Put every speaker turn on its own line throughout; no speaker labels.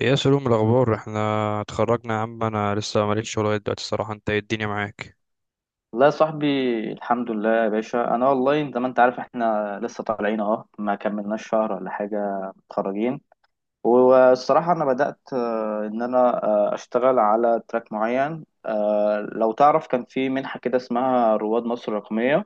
ايه يا سلوم الاخبار؟ احنا اتخرجنا يا عم، انا لسه ماليش شغل لغايه دلوقتي الصراحه. انت ايه الدنيا معاك؟
والله يا صاحبي، الحمد لله يا باشا. انا والله زي ما انت عارف احنا لسه طالعين، ما كملناش شهر ولا حاجه متخرجين. والصراحه انا بدات ان انا آه، اشتغل على تراك معين. لو تعرف كان في منحه كده اسمها رواد مصر الرقميه.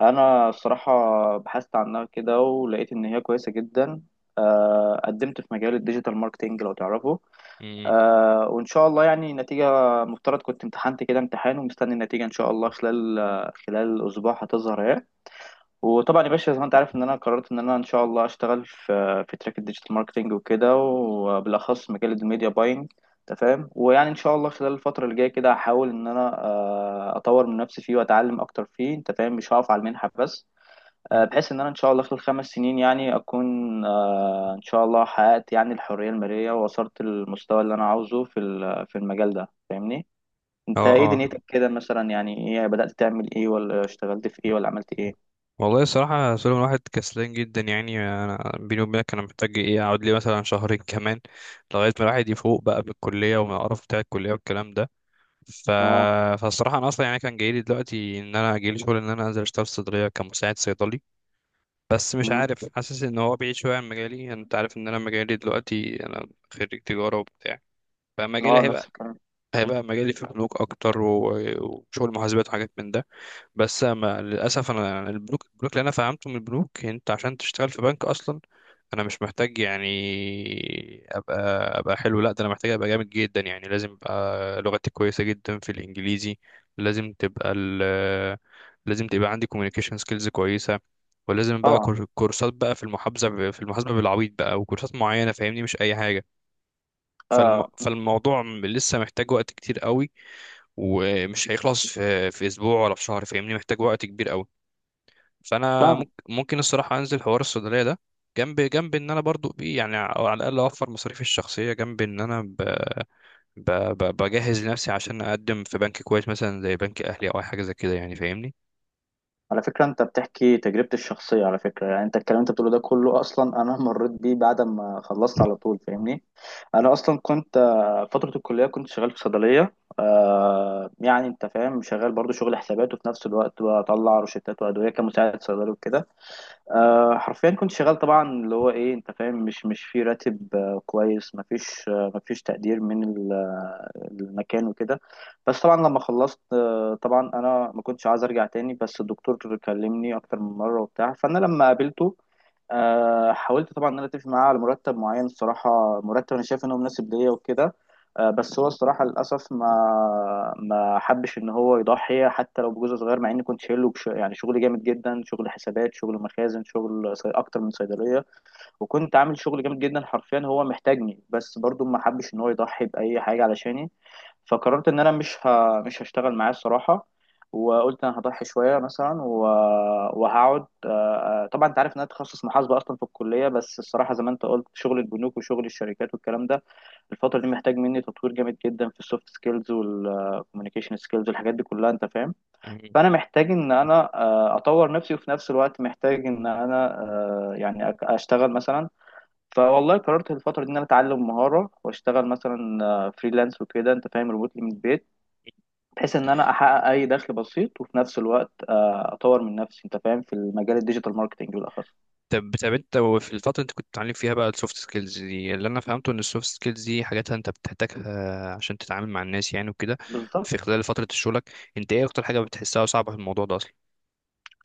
انا الصراحه بحثت عنها كده ولقيت ان هي كويسه جدا. قدمت في مجال الديجيتال ماركتينج لو تعرفه.
مم.
وإن شاء الله يعني النتيجة، مفترض كنت امتحنت كده امتحان ومستني النتيجة إن شاء الله خلال خلال أسبوع هتظهر أهي. وطبعا يا باشا زي ما أنت عارف إن أنا قررت إن أنا إن شاء الله أشتغل في تراك الديجيتال ماركتينج وكده، وبالأخص مجال الميديا باينج أنت فاهم. ويعني إن شاء الله خلال الفترة اللي جاية كده هحاول إن أنا أطور من نفسي فيه وأتعلم أكتر فيه، أنت فاهم، مش هقف على المنحة بس. بحيث ان انا ان شاء الله خلال 5 سنين يعني اكون ان شاء الله حققت يعني الحرية المالية، ووصلت للمستوى اللي انا عاوزه في في المجال ده فاهمني. انت
اه،
ايه
اه،
دنيتك كده مثلا؟ يعني ايه، بدأت تعمل ايه ولا اشتغلت في ايه ولا عملت ايه؟
والله الصراحه يا سلوم، الواحد كسلان جدا يعني. انا بيني وبينك انا محتاج ايه، اقعد لي مثلا شهرين كمان لغايه ما الواحد يفوق بقى من الكليه ومن القرف بتاع الكليه والكلام ده. ف...
اه.
فالصراحه انا اصلا يعني كان جاي لي دلوقتي ان انا جاي لي شغل ان انا انزل اشتغل في صيدليه كمساعد صيدلي. بس مش
مم.
عارف، حاسس ان هو بعيد شويه عن مجالي. انت عارف ان انا مجالي دلوقتي، انا خريج تجاره وبتاع. فمجالي
اه نفس
هيبقى
الكلام.
هيبقى مجالي في البنوك اكتر، و- وشغل محاسبات وحاجات من ده. بس ما للاسف انا يعني البنوك اللي انا فهمته من البنوك، انت عشان تشتغل في بنك اصلا انا مش محتاج يعني ابقى ابقى حلو. لا ده انا محتاج ابقى جامد جدا، يعني لازم ابقى لغتي كويسه جدا في الانجليزي. لازم تبقى ال لازم تبقى عندي communication skills كويسه. ولازم بقى
طبعا.
كورسات بقى في المحاسبه بالعبيط بقى، وكورسات معينه فاهمني، مش اي حاجه.
آه.
فالموضوع لسه محتاج وقت كتير قوي، ومش هيخلص في اسبوع ولا في شهر فاهمني، محتاج وقت كبير قوي. فانا ممكن الصراحه انزل حوار الصيدليه ده جنب ان انا برضو يعني على الاقل اوفر مصاريفي الشخصيه، جنب ان انا ب ب ب بجهز لنفسي عشان اقدم في بنك كويس مثلا زي بنك اهلي او اي حاجه زي كده يعني فاهمني.
على فكرة انت بتحكي تجربتي الشخصية على فكرة. يعني انت الكلام انت بتقوله ده كله اصلا انا مريت بيه بعد ما خلصت على طول فاهمني. انا اصلا كنت فترة الكلية كنت شغال في صيدلية. يعني انت فاهم شغال برضو شغل حسابات، وفي نفس الوقت بطلع روشتات وادوية كمساعد صيدلي وكده. حرفيا كنت شغال طبعا اللي هو ايه انت فاهم، مش في راتب كويس، مفيش مفيش تقدير من المكان وكده. بس طبعا لما خلصت، طبعا انا ما كنتش عايز ارجع تاني، بس الدكتور كلمني اكتر من مره وبتاع، فانا لما قابلته حاولت طبعا ان انا اتفق معاه على مرتب معين. الصراحه مرتب انا شايف انه مناسب ليا وكده. بس هو الصراحه للاسف ما حبش ان هو يضحي حتى لو بجزء صغير، مع اني كنت شايله يعني شغل جامد جدا، شغل حسابات، شغل مخازن، اكتر من صيدليه. وكنت عامل شغل جامد جدا حرفيا، هو محتاجني بس برضو ما حبش ان هو يضحي باي حاجه علشاني. فقررت ان انا مش هشتغل معاه الصراحه. وقلت انا هضحي شويه مثلا وهقعد. طبعا انت عارف ان انا تخصص محاسبه اصلا في الكليه، بس الصراحه زي ما انت قلت شغل البنوك وشغل الشركات والكلام ده الفتره دي محتاج مني تطوير جامد جدا في السوفت سكيلز والكوميونيكيشن سكيلز والحاجات دي كلها انت فاهم.
مم.
فانا محتاج ان انا اطور نفسي، وفي نفس الوقت محتاج ان انا يعني اشتغل مثلا. فوالله قررت الفترة دي إن أنا أتعلم مهارة وأشتغل مثلا فريلانس وكده أنت فاهم، ريموتلي من البيت، بحيث إن أنا أحقق أي دخل بسيط، وفي نفس الوقت أطور من نفسي أنت فاهم في المجال الديجيتال ماركتينج بالأخص.
طب انت في الفتره اللي انت كنت بتتعلم فيها بقى السوفت سكيلز دي، اللي انا فهمته ان السوفت سكيلز دي حاجات انت بتحتاجها عشان تتعامل مع الناس يعني وكده.
بالظبط.
في خلال فتره شغلك انت ايه اكتر حاجه بتحسها صعبه في الموضوع ده اصلا؟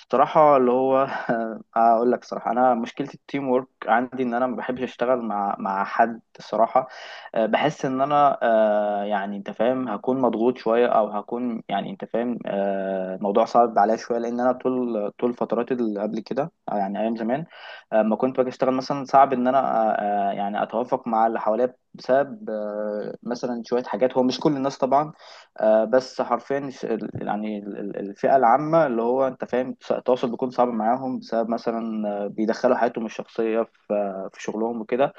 بصراحة اللي هو أقول لك صراحة أنا مشكلة التيم وورك عندي إن أنا ما بحبش أشتغل مع حد الصراحة. بحس إن أنا يعني أنت فاهم هكون مضغوط شوية، أو هكون يعني أنت فاهم الموضوع صعب عليا شوية، لأن أنا طول فترات اللي قبل كده أو يعني أيام زمان ما كنت باجي أشتغل مثلا، صعب إن أنا أه، أه، يعني أتوافق مع اللي حواليا بسبب مثلا شوية حاجات، هو مش كل الناس طبعا. بس حرفيا يعني الفئة العامة اللي هو انت فاهم التواصل بيكون صعب معاهم بسبب مثلا بيدخلوا حياتهم الشخصية في في شغلهم وكده.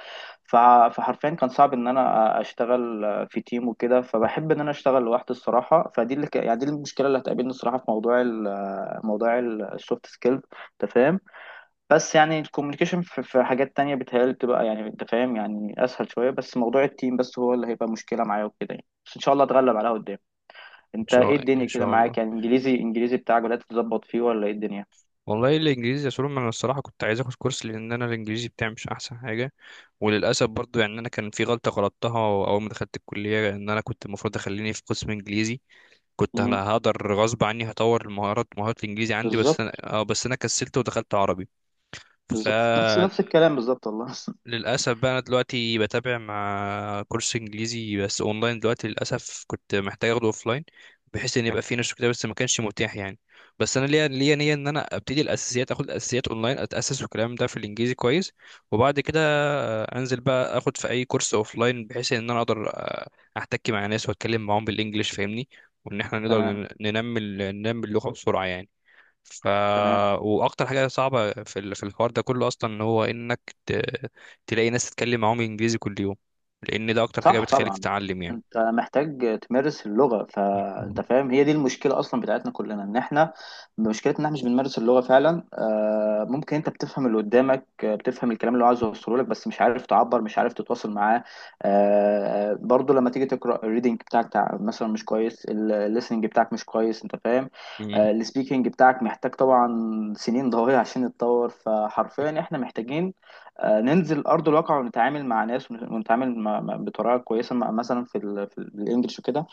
فحرفيا كان صعب ان انا اشتغل في تيم وكده، فبحب ان انا اشتغل لوحدي الصراحة. فدي يعني دي المشكلة اللي هتقابلني الصراحة في موضوع ال... آه، موضوع السوفت سكيلز انت فاهم. بس يعني الكوميونيكيشن في حاجات تانية بتهيألي بتبقى يعني انت فاهم يعني اسهل شوية، بس موضوع التيم بس هو اللي هيبقى مشكلة معايا وكده يعني، بس ان شاء الله اتغلب عليها قدام. انت ايه الدنيا
ان
كده
شاء الله.
معاك؟ يعني انجليزي بتاعك بدأت تظبط فيه ولا ايه الدنيا؟
والله الانجليزي يا سولو انا الصراحه كنت عايز اخد كورس، لان انا الانجليزي بتاعي مش احسن حاجه. وللاسف برضو يعني انا كان في غلطه غلطتها، اول ما دخلت الكليه ان انا كنت المفروض اخليني في قسم انجليزي، كنت
مم.
انا هقدر غصب عني هطور مهارات الانجليزي عندي. بس انا
بالظبط.
اه بس انا كسلت ودخلت عربي. ف
بالظبط نفس الكلام بالظبط والله
للأسف بقى أنا دلوقتي بتابع مع كورس إنجليزي، بس أونلاين. دلوقتي للأسف كنت محتاج أخده أوفلاين، بحيث إن يبقى فيه نشر كده، بس ما كانش متاح يعني. بس أنا ليا نية إن أنا أبتدي الأساسيات، أخد الأساسيات أونلاين، أتأسس والكلام ده في الإنجليزي كويس. وبعد كده أنزل بقى أخد في أي كورس أوفلاين، بحيث إن أنا أقدر أحتك مع ناس وأتكلم معاهم بالإنجليش فاهمني، وإن إحنا نقدر
تمام.
ننمي ننمي اللغة بسرعة يعني. ف
تمام.
واكتر حاجه صعبه في في الحوار ده كله اصلا ان هو انك تلاقي ناس تتكلم معاهم انجليزي كل يوم، لان ده اكتر حاجه
صح
بتخليك
طبعا.
تتعلم يعني.
انت محتاج تمارس اللغة، فانت
مم.
فاهم هي دي المشكلة اصلا بتاعتنا كلنا، ان احنا مشكلتنا ان احنا مش بنمارس اللغة فعلا. ممكن انت بتفهم اللي قدامك، بتفهم الكلام اللي هو عايز يوصله لك، بس مش عارف تعبر، مش عارف تتواصل معاه. برضو لما تيجي تقرأ الريدنج بتاعك مثلا مش كويس، الليسننج بتاعك مش كويس انت فاهم.
مم.
السبيكنج بتاعك محتاج طبعا سنين ضوئية عشان يتطور. فحرفيا احنا محتاجين ننزل ارض الواقع ونتعامل مع ناس ونتعامل بطريقه كويسه مثلا في الانجليش وكده.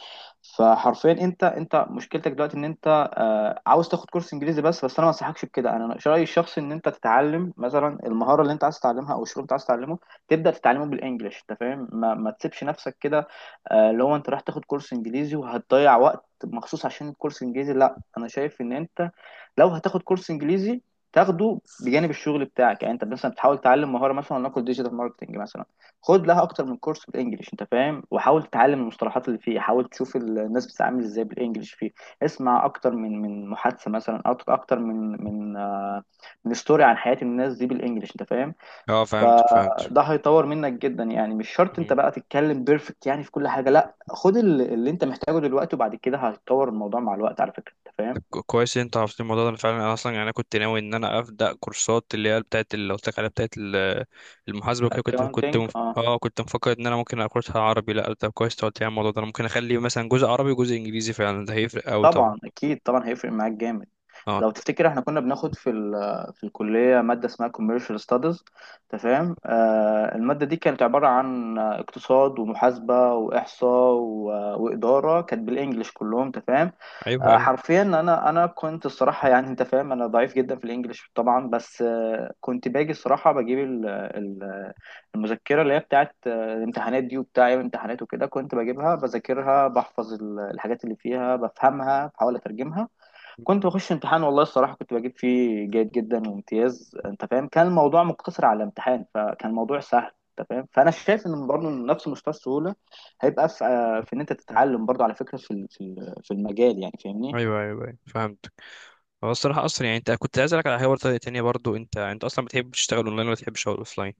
فحرفيا انت مشكلتك دلوقتي ان انت عاوز تاخد كورس انجليزي، بس انا ما انصحكش بكده. انا رايي الشخصي ان انت تتعلم مثلا المهاره اللي انت عايز تتعلمها او الشغل اللي انت عايز تتعلمه تبدا تتعلمه بالانجليش انت فاهم، ما تسيبش نفسك كده. اللي هو انت رايح تاخد كورس انجليزي وهتضيع وقت مخصوص عشان الكورس انجليزي، لا انا شايف ان انت لو هتاخد كورس انجليزي تاخده بجانب الشغل بتاعك. يعني انت مثلا بتحاول تتعلم مهاره مثلا نقول ديجيتال ماركتنج مثلا، خد لها اكتر من كورس بالانجلش انت فاهم، وحاول تتعلم المصطلحات اللي فيه، حاول تشوف الناس بتتعامل ازاي بالانجلش فيه. اسمع اكتر من محادثه مثلا، أو اكتر من من ستوري عن حياه الناس دي بالانجلش انت فاهم.
اه، فهمتك، فهمت.
فده هيطور منك جدا، يعني مش شرط انت
مم.
بقى تتكلم بيرفكت يعني في كل حاجه، لا خد اللي انت محتاجه دلوقتي وبعد كده هيتطور الموضوع مع الوقت على فكره انت
طب
فاهم.
كويس إن انت عرفت الموضوع ده. أنا فعلا، انا اصلا يعني انا كنت ناوي ان انا ابدا كورسات، اللي هي بتاعت اللي قلت لك عليها، بتاعت المحاسبه وكده. كنت كنت
الاكونتنج
مف...
اه.
اه كنت مفكر ان انا ممكن اخدها عربي. لا طب كويس إنت قلت لي على الموضوع ده، انا ممكن اخلي مثلا جزء عربي وجزء انجليزي، فعلا ده هيفرق قوي طبعا.
طبعا اكيد طبعا هيفرق معاك جامد.
اه.
لو تفتكر احنا كنا بناخد في ال في الكلية مادة اسمها commercial studies تمام. آه المادة دي كانت عبارة عن اقتصاد ومحاسبة وإحصاء وإدارة، كانت بالإنجلش كلهم تمام.
ايوه، ايوه.
حرفيا انا كنت الصراحة يعني انت فاهم انا ضعيف جدا في الإنجليش طبعا، بس كنت باجي الصراحة بجيب المذكرة اللي هي بتاعت الامتحانات دي وبتاع أيام الامتحانات وكده، كنت بجيبها بذاكرها بحفظ الحاجات اللي فيها بفهمها بحاول أترجمها، كنت بخش امتحان والله الصراحة كنت بجيب فيه جيد جدا وامتياز انت فاهم. كان الموضوع مقتصر على الامتحان فكان الموضوع سهل انت فاهم. فانا شايف ان برضه نفس مستوى السهولة هيبقى في, في ان انت تتعلم برضه على فكرة في في المجال يعني فاهمني.
ايوه، ايوه, أيوة. فهمت. هو الصراحة أصلا يعني أنت كنت عايز أسألك على حوار تانية، برضو أنت أصلا بتحب تشتغل أونلاين ولا بتحب تشتغل أوفلاين؟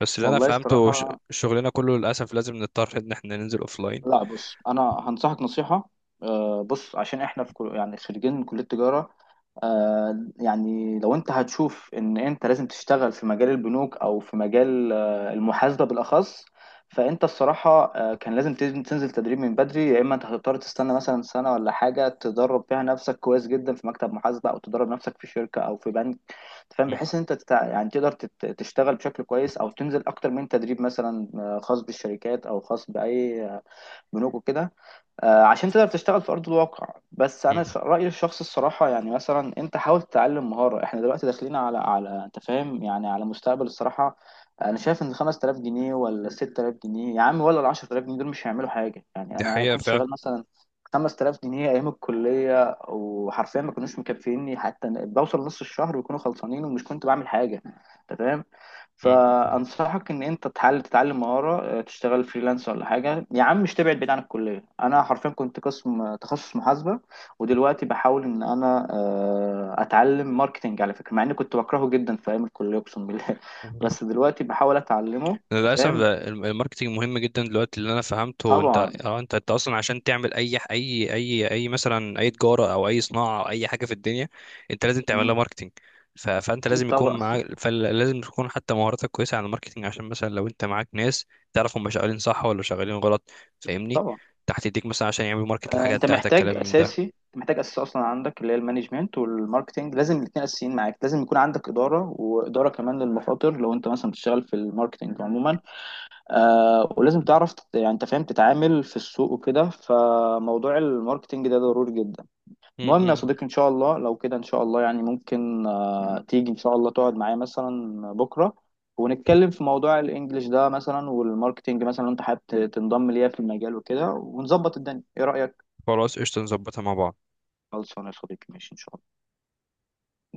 بس اللي أنا
والله
فهمته ش-
الصراحة.
شغلنا كله للأسف لازم نضطر إن إحنا ننزل أوفلاين.
لا بص انا هنصحك نصيحة. بص عشان احنا في يعني خريجين من كلية تجارة. يعني لو انت هتشوف ان انت لازم تشتغل في مجال البنوك او في مجال المحاسبة بالاخص، فانت الصراحة كان لازم تنزل تدريب من بدري، يا اما انت هتضطر تستنى مثلا سنة ولا حاجة تدرب فيها نفسك كويس جدا في مكتب محاسبة، او تدرب نفسك في شركة او في بنك أنت فاهم،
م-
بحيث ان انت يعني تقدر تشتغل بشكل كويس، او تنزل اكتر من تدريب مثلا خاص بالشركات او خاص باي بنوك وكده. عشان تقدر تشتغل في ارض الواقع. بس
م.
انا رايي الشخصي الصراحه يعني مثلا انت حاول تتعلم مهاره، احنا دلوقتي داخلين على انت فاهم يعني على مستقبل الصراحه. انا شايف ان 5000 جنيه ولا 6000 جنيه يا عم ولا ال 10000 جنيه دول مش هيعملوا حاجه يعني.
دي
انا
حقيقة
كنت
فعلا.
شغال مثلا 5000 جنيه ايام الكليه وحرفيا ما كانوش مكفيني حتى بوصل نص الشهر ويكونوا خلصانين ومش كنت بعمل حاجه انت فاهم.
م-
فانصحك ان انت تحاول تتعلم مهاره تشتغل فريلانس ولا حاجه يا عم، مش تبعد بعيد عن الكليه. انا حرفيا كنت قسم تخصص محاسبه، ودلوقتي بحاول ان انا اتعلم ماركتنج على فكره، مع اني كنت بكرهه جدا في ايام الكليه اقسم بالله
م.
بس دلوقتي بحاول اتعلمه انت
للاسف
فاهم.
ده الماركتينج مهم جدا دلوقتي، اللي انا فهمته انت
طبعا.
اه انت انت اصلا عشان تعمل اي مثلا اي تجاره او اي صناعه او اي حاجه في الدنيا، انت لازم تعمل
مم.
لها ماركتينج. فانت
اكيد
لازم
طبعا
يكون معاك، فلازم تكون حتى مهاراتك كويسه على الماركتينج عشان مثلا لو انت معاك ناس تعرف هم شغالين صح ولا شغالين غلط فاهمني،
طبعا.
تحت ايديك مثلا عشان يعملوا ماركت الحاجات
انت
بتاعتك
محتاج
كلام من ده.
اساسي، محتاج اساسي اصلا عندك اللي هي المانجمنت والماركتنج، لازم الاثنين اساسيين معاك. لازم يكون عندك اداره، واداره كمان للمخاطر لو انت مثلا بتشتغل في الماركتنج عموما. ولازم تعرف يعني انت فاهم تتعامل في السوق وكده، فموضوع الماركتينج ده ضروري جدا.
م-
المهم يا
م.
صديقي ان شاء الله لو كده ان شاء الله، يعني ممكن تيجي ان شاء الله تقعد معايا مثلا بكرة ونتكلم في موضوع الانجليش ده مثلا والماركتينج مثلا، لو انت حابب تنضم ليا في المجال وكده ونظبط الدنيا. ايه رأيك؟
خلاص قشطه، نظبطها مع بعض.
خلصانه يا صديقي ماشي ان شاء الله.